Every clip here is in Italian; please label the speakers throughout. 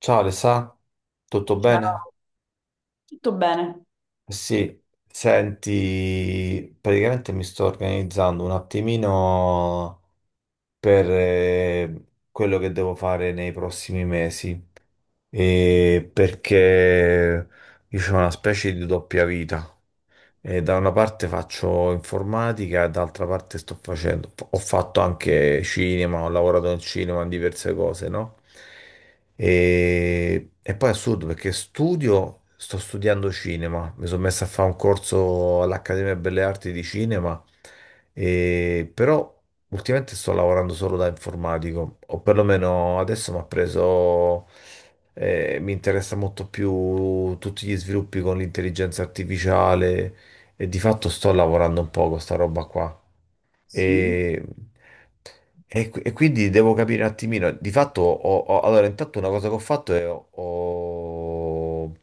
Speaker 1: Ciao Alessà, tutto
Speaker 2: Ciao.
Speaker 1: bene?
Speaker 2: Tutto bene,
Speaker 1: Eh sì, senti, praticamente mi sto organizzando un attimino per quello che devo fare nei prossimi mesi, e perché io ho una specie di doppia vita. E da una parte faccio informatica, e dall'altra parte sto facendo, ho fatto anche cinema, ho lavorato in cinema, in diverse cose, no? E poi è assurdo perché studio, sto studiando cinema, mi sono messo a fare un corso all'Accademia Belle Arti di Cinema, e, però ultimamente sto lavorando solo da informatico, o perlomeno adesso mi ha preso. Mi interessa molto più tutti gli sviluppi con l'intelligenza artificiale, e di fatto sto lavorando un po' con sta roba qua.
Speaker 2: sì,
Speaker 1: E, e quindi devo capire un attimino. Di fatto, allora, intanto una cosa che ho fatto è ho, ho-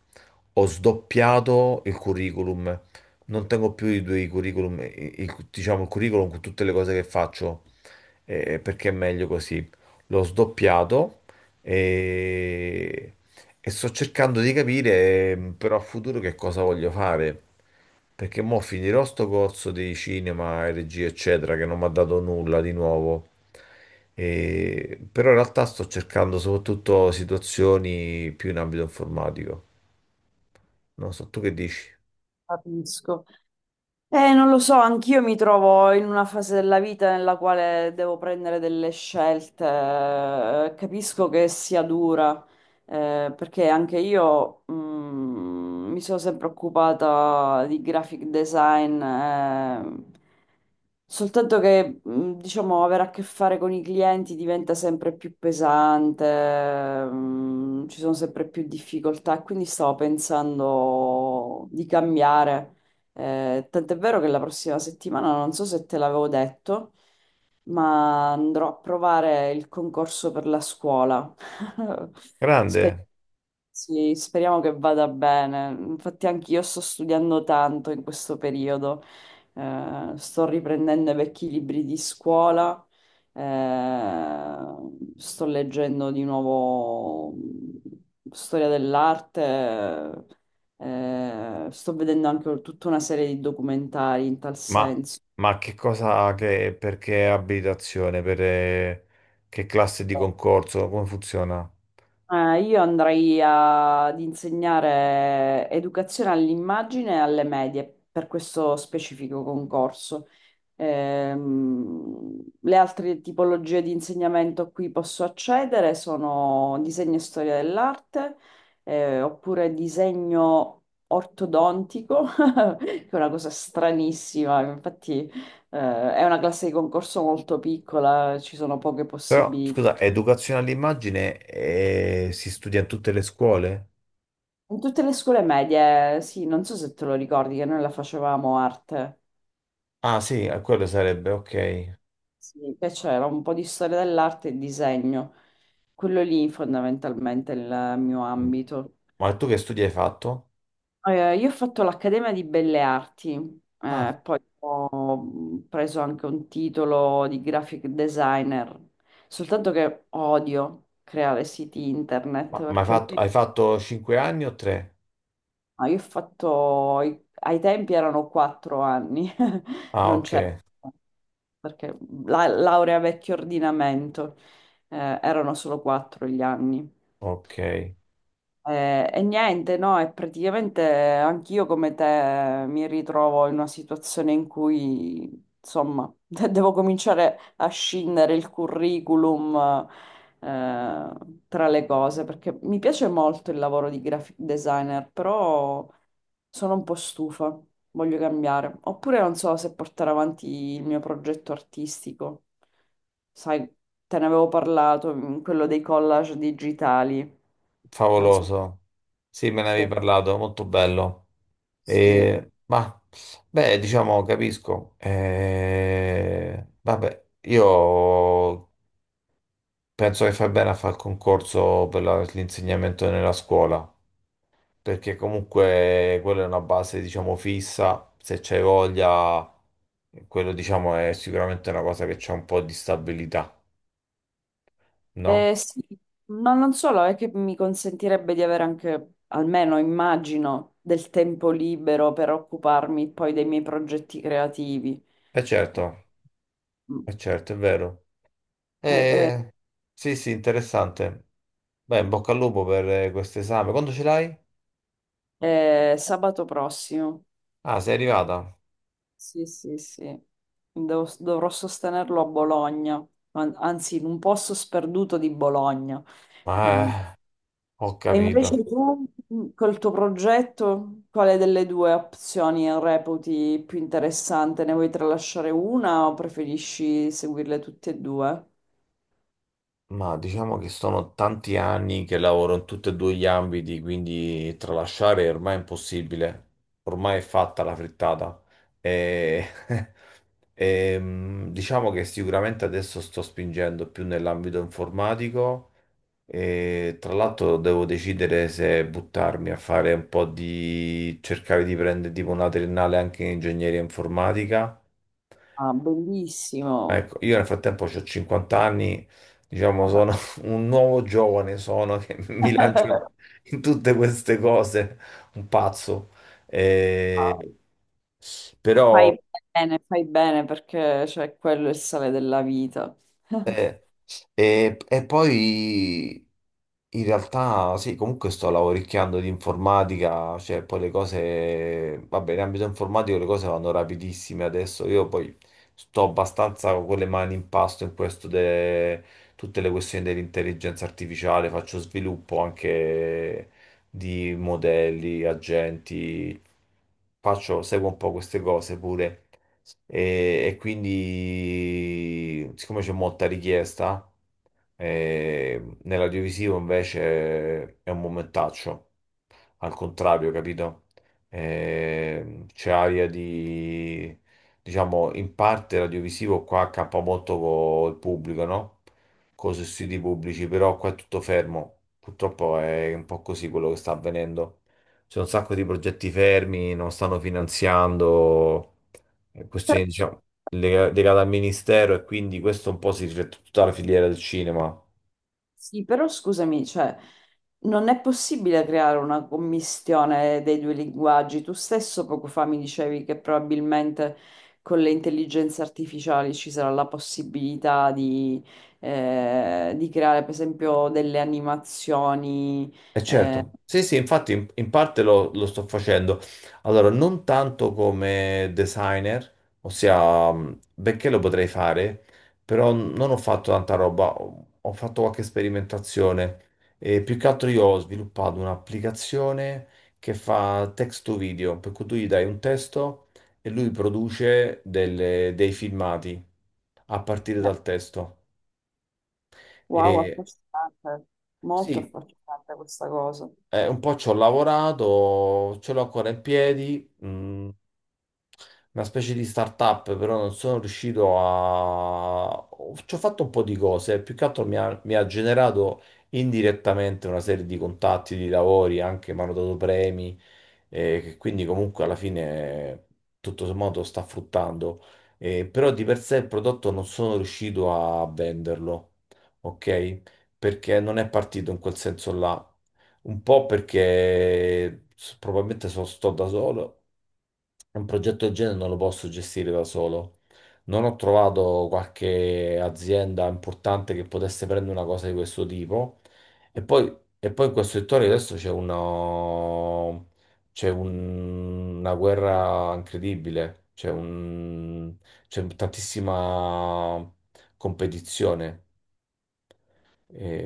Speaker 1: ho sdoppiato il curriculum. Non tengo più i due curriculum, diciamo il curriculum con tutte le cose che faccio, perché è meglio così. L'ho sdoppiato e sto cercando di capire però a futuro che cosa voglio fare, perché mo finirò sto corso di cinema e regia, eccetera, che non mi ha dato nulla di nuovo. Però in realtà sto cercando soprattutto situazioni più in ambito informatico. Non so, tu che dici?
Speaker 2: capisco. Non lo so, anch'io mi trovo in una fase della vita nella quale devo prendere delle scelte. Capisco che sia dura, perché anche io, mi sono sempre occupata di graphic design, soltanto che, diciamo, avere a che fare con i clienti diventa sempre più pesante. Ci sono sempre più difficoltà, e quindi stavo pensando di cambiare. Tant'è vero che la prossima settimana, non so se te l'avevo detto, ma andrò a provare il concorso per la scuola.
Speaker 1: Grande.
Speaker 2: Sì, speriamo che vada bene. Infatti anch'io sto studiando tanto in questo periodo. Sto riprendendo i vecchi libri di scuola, eh, sto leggendo di nuovo storia dell'arte, sto vedendo anche tutta una serie di documentari in tal
Speaker 1: ma,
Speaker 2: senso.
Speaker 1: ma che cosa, perché abitazione, per che classe di concorso, come funziona?
Speaker 2: Io andrei ad insegnare educazione all'immagine alle medie per questo specifico concorso. Le altre tipologie di insegnamento a cui posso accedere sono disegno e storia dell'arte, oppure disegno ortodontico, che è una cosa stranissima. Infatti, è una classe di concorso molto piccola, ci sono poche
Speaker 1: Però,
Speaker 2: possibilità.
Speaker 1: scusa, educazione all'immagine si studia in tutte le scuole?
Speaker 2: In tutte le scuole medie, sì, non so se te lo ricordi che noi la facevamo arte,
Speaker 1: Ah, sì, quello sarebbe, ok.
Speaker 2: sì, che c'era un po' di storia dell'arte e disegno, quello lì fondamentalmente è il mio
Speaker 1: Mm.
Speaker 2: ambito.
Speaker 1: Ma tu che studi hai fatto?
Speaker 2: Io ho fatto l'Accademia di Belle Arti,
Speaker 1: Ah,
Speaker 2: eh, poi ho preso anche un titolo di graphic designer, soltanto che odio creare siti internet
Speaker 1: ma hai
Speaker 2: perché a
Speaker 1: fatto,
Speaker 2: me.
Speaker 1: hai fatto 5 anni o 3?
Speaker 2: Ah, io ho fatto, ai tempi erano 4 anni,
Speaker 1: Ah,
Speaker 2: non
Speaker 1: ok,
Speaker 2: c'è, perché la laurea vecchio ordinamento, erano solo 4 gli anni.
Speaker 1: ok.
Speaker 2: E niente, no, e praticamente anch'io come te mi ritrovo in una situazione in cui, insomma, devo cominciare a scindere il curriculum, eh, tra le cose, perché mi piace molto il lavoro di graphic designer, però sono un po' stufa, voglio cambiare. Oppure non so se portare avanti il mio progetto artistico. Sai, te ne avevo parlato, quello dei collage digitali. Non so.
Speaker 1: Favoloso. Sì, me ne avevi
Speaker 2: Sì,
Speaker 1: parlato, molto bello.
Speaker 2: sì.
Speaker 1: E, ma, beh, diciamo, capisco. Vabbè, io penso che fai bene a fare il concorso per l'insegnamento nella scuola. Perché comunque quella è una base, diciamo, fissa, se c'hai voglia, quello, diciamo, è sicuramente una cosa che c'è un po' di stabilità, no?
Speaker 2: Sì, ma non solo, è che mi consentirebbe di avere anche, almeno immagino, del tempo libero per occuparmi poi dei miei progetti creativi.
Speaker 1: E
Speaker 2: Eh, mm,
Speaker 1: certo, è vero.
Speaker 2: eh,
Speaker 1: Eh, sì, sì, interessante. Beh, in bocca al lupo per questo esame. Quando ce l'hai?
Speaker 2: sabato prossimo,
Speaker 1: Ah, sei arrivata?
Speaker 2: sì, sì, sì. Dovrò sostenerlo a Bologna, anzi in un posto sperduto di Bologna, quindi.
Speaker 1: Ah, ho
Speaker 2: E
Speaker 1: capito.
Speaker 2: invece tu, col tuo progetto, quale delle due opzioni reputi più interessante? Ne vuoi tralasciare una o preferisci seguirle tutte e due?
Speaker 1: Ma diciamo che sono tanti anni che lavoro in tutti e due gli ambiti, quindi tralasciare è ormai impossibile. Ormai è fatta la frittata. E... diciamo che sicuramente adesso sto spingendo più nell'ambito informatico, e tra l'altro devo decidere se buttarmi a fare un po' di cercare di prendere tipo una triennale anche in ingegneria informatica.
Speaker 2: Ah, bellissimo.
Speaker 1: Ecco, io nel frattempo ho 50 anni, diciamo, sono un nuovo giovane, sono che mi lancio in tutte queste cose, un pazzo.
Speaker 2: Ah,
Speaker 1: Eh, Però,
Speaker 2: fai bene, fai bene perché cioè, quello è il sale della vita.
Speaker 1: Eh, e poi in realtà sì, comunque sto lavoricchiando di informatica, cioè poi le cose, vabbè, in ambito informatico le cose vanno rapidissime adesso, io poi sto abbastanza con le mani in pasto in questo de tutte le questioni dell'intelligenza artificiale, faccio sviluppo anche di modelli, agenti, seguo un po' queste cose pure. E quindi, siccome c'è molta richiesta, nell'audiovisivo invece è un momentaccio, al contrario, capito? C'è aria di, diciamo, in parte l'audiovisivo qua accappa molto con il pubblico, no? Con i siti pubblici, però qua è tutto fermo. Purtroppo è un po' così quello che sta avvenendo. C'è un sacco di progetti fermi, non stanno finanziando
Speaker 2: Però,
Speaker 1: questioni, diciamo, legate al ministero, e quindi questo un po' si riflette su tutta la filiera del cinema.
Speaker 2: sì, però scusami, cioè, non è possibile creare una commistione dei due linguaggi. Tu stesso poco fa mi dicevi che probabilmente con le intelligenze artificiali ci sarà la possibilità di creare, per esempio, delle animazioni.
Speaker 1: Eh
Speaker 2: eh.
Speaker 1: certo, sì sì, infatti in parte lo sto facendo. Allora, non tanto come designer, ossia, benché lo potrei fare, però non ho fatto tanta roba, ho fatto qualche sperimentazione, e più che altro io ho sviluppato un'applicazione che fa text to video, per cui tu gli dai un testo e lui produce dei filmati a partire
Speaker 2: Cioè,
Speaker 1: dal testo.
Speaker 2: wow,
Speaker 1: E
Speaker 2: affascinante, molto
Speaker 1: sì.
Speaker 2: affascinante questa cosa.
Speaker 1: Un po' ci ho lavorato, ce l'ho ancora in piedi, una specie di startup, però non sono riuscito a... Ci ho fatto un po' di cose, più che altro mi ha generato indirettamente una serie di contatti, di lavori, anche mi hanno dato premi, che quindi comunque alla fine tutto sommato sta fruttando. Però di per sé il prodotto non sono riuscito a venderlo, ok? Perché non è partito in quel senso là, un po' perché probabilmente sto da solo un progetto del genere non lo posso gestire da solo. Non ho trovato qualche azienda importante che potesse prendere una cosa di questo tipo. E poi, e poi in questo settore adesso c'è una, c'è un- una guerra incredibile, c'è tantissima competizione.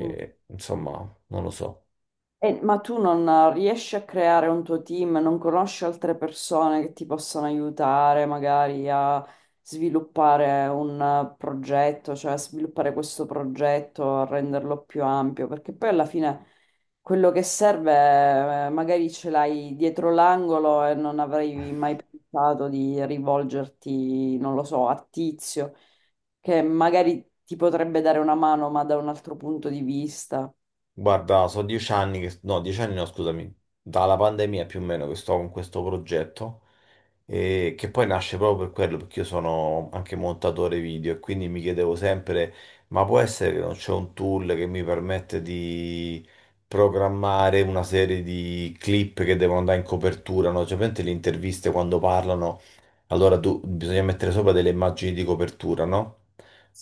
Speaker 2: Mm.
Speaker 1: insomma, non lo so.
Speaker 2: Ma tu non riesci a creare un tuo team, non conosci altre persone che ti possano aiutare magari a sviluppare un progetto, cioè a sviluppare questo progetto, a renderlo più ampio, perché poi alla fine quello che serve magari ce l'hai dietro l'angolo e non avrei mai pensato di rivolgerti, non lo so, a Tizio, che magari ti potrebbe dare una mano, ma da un altro punto di vista.
Speaker 1: Guarda, sono 10 anni che, no, 10 anni no, scusami, dalla pandemia più o meno che sto con questo progetto, e che poi nasce proprio per quello, perché io sono anche montatore video e quindi mi chiedevo sempre, ma può essere che non c'è un tool che mi permette di programmare una serie di clip che devono andare in copertura, no? Cioè, praticamente le interviste quando parlano allora tu, bisogna mettere sopra delle immagini di copertura, no?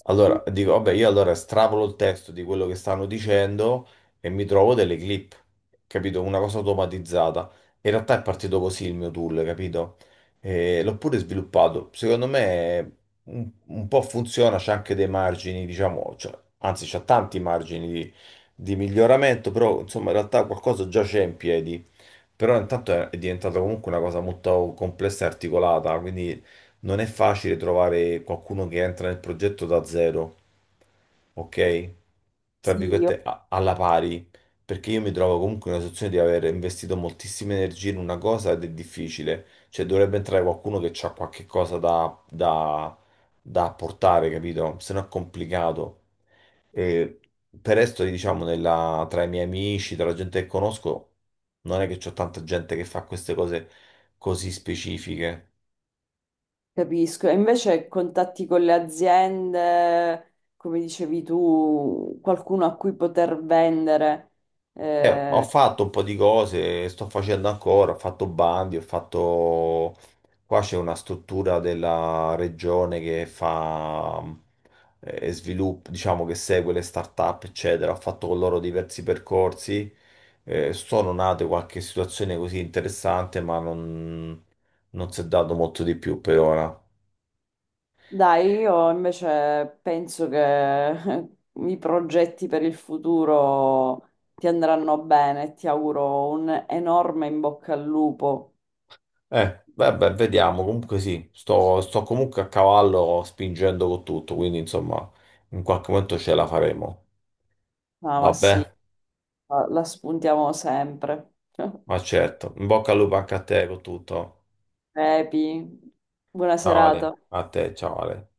Speaker 1: Allora dico, vabbè, io allora estrapolo il testo di quello che stanno dicendo e mi trovo delle clip, capito? Una cosa automatizzata. In realtà è partito così il mio tool, capito? E l'ho pure sviluppato. Secondo me un po' funziona, c'è anche dei margini, diciamo, cioè, anzi c'è tanti margini di miglioramento, però insomma in realtà qualcosa già c'è in piedi. Però intanto è diventata comunque una cosa molto complessa e articolata, quindi non è facile trovare qualcuno che entra nel progetto da zero, ok? Tra
Speaker 2: Sì,
Speaker 1: virgolette, alla pari, perché io mi trovo comunque in una situazione di aver investito moltissime energie in una cosa ed è difficile, cioè dovrebbe entrare qualcuno che ha qualche cosa da apportare, capito? Se no è complicato. E per resto, diciamo, tra i miei amici, tra la gente che conosco, non è che c'ho tanta gente che fa queste cose così specifiche.
Speaker 2: capisco, e invece contatti con le aziende, come dicevi tu, qualcuno a cui poter vendere.
Speaker 1: Ho
Speaker 2: Eh,
Speaker 1: fatto un po' di cose, sto facendo ancora, ho fatto bandi, ho fatto... Qua c'è una struttura della regione che fa sviluppo, diciamo che segue le start-up, eccetera. Ho fatto con loro diversi percorsi. Sono nate qualche situazione così interessante, ma non si è dato molto di più per ora.
Speaker 2: Dai, io invece penso che i progetti per il futuro ti andranno bene, ti auguro un enorme in bocca al lupo.
Speaker 1: Vabbè, vediamo. Comunque sì, sto comunque a cavallo spingendo con tutto, quindi insomma, in qualche momento ce la faremo.
Speaker 2: Ah, ma sì,
Speaker 1: Vabbè,
Speaker 2: la spuntiamo sempre.
Speaker 1: ma certo. In bocca al lupo anche a te con tutto.
Speaker 2: Epi, buona
Speaker 1: Ciao Ale,
Speaker 2: serata.
Speaker 1: a te, ciao Ale.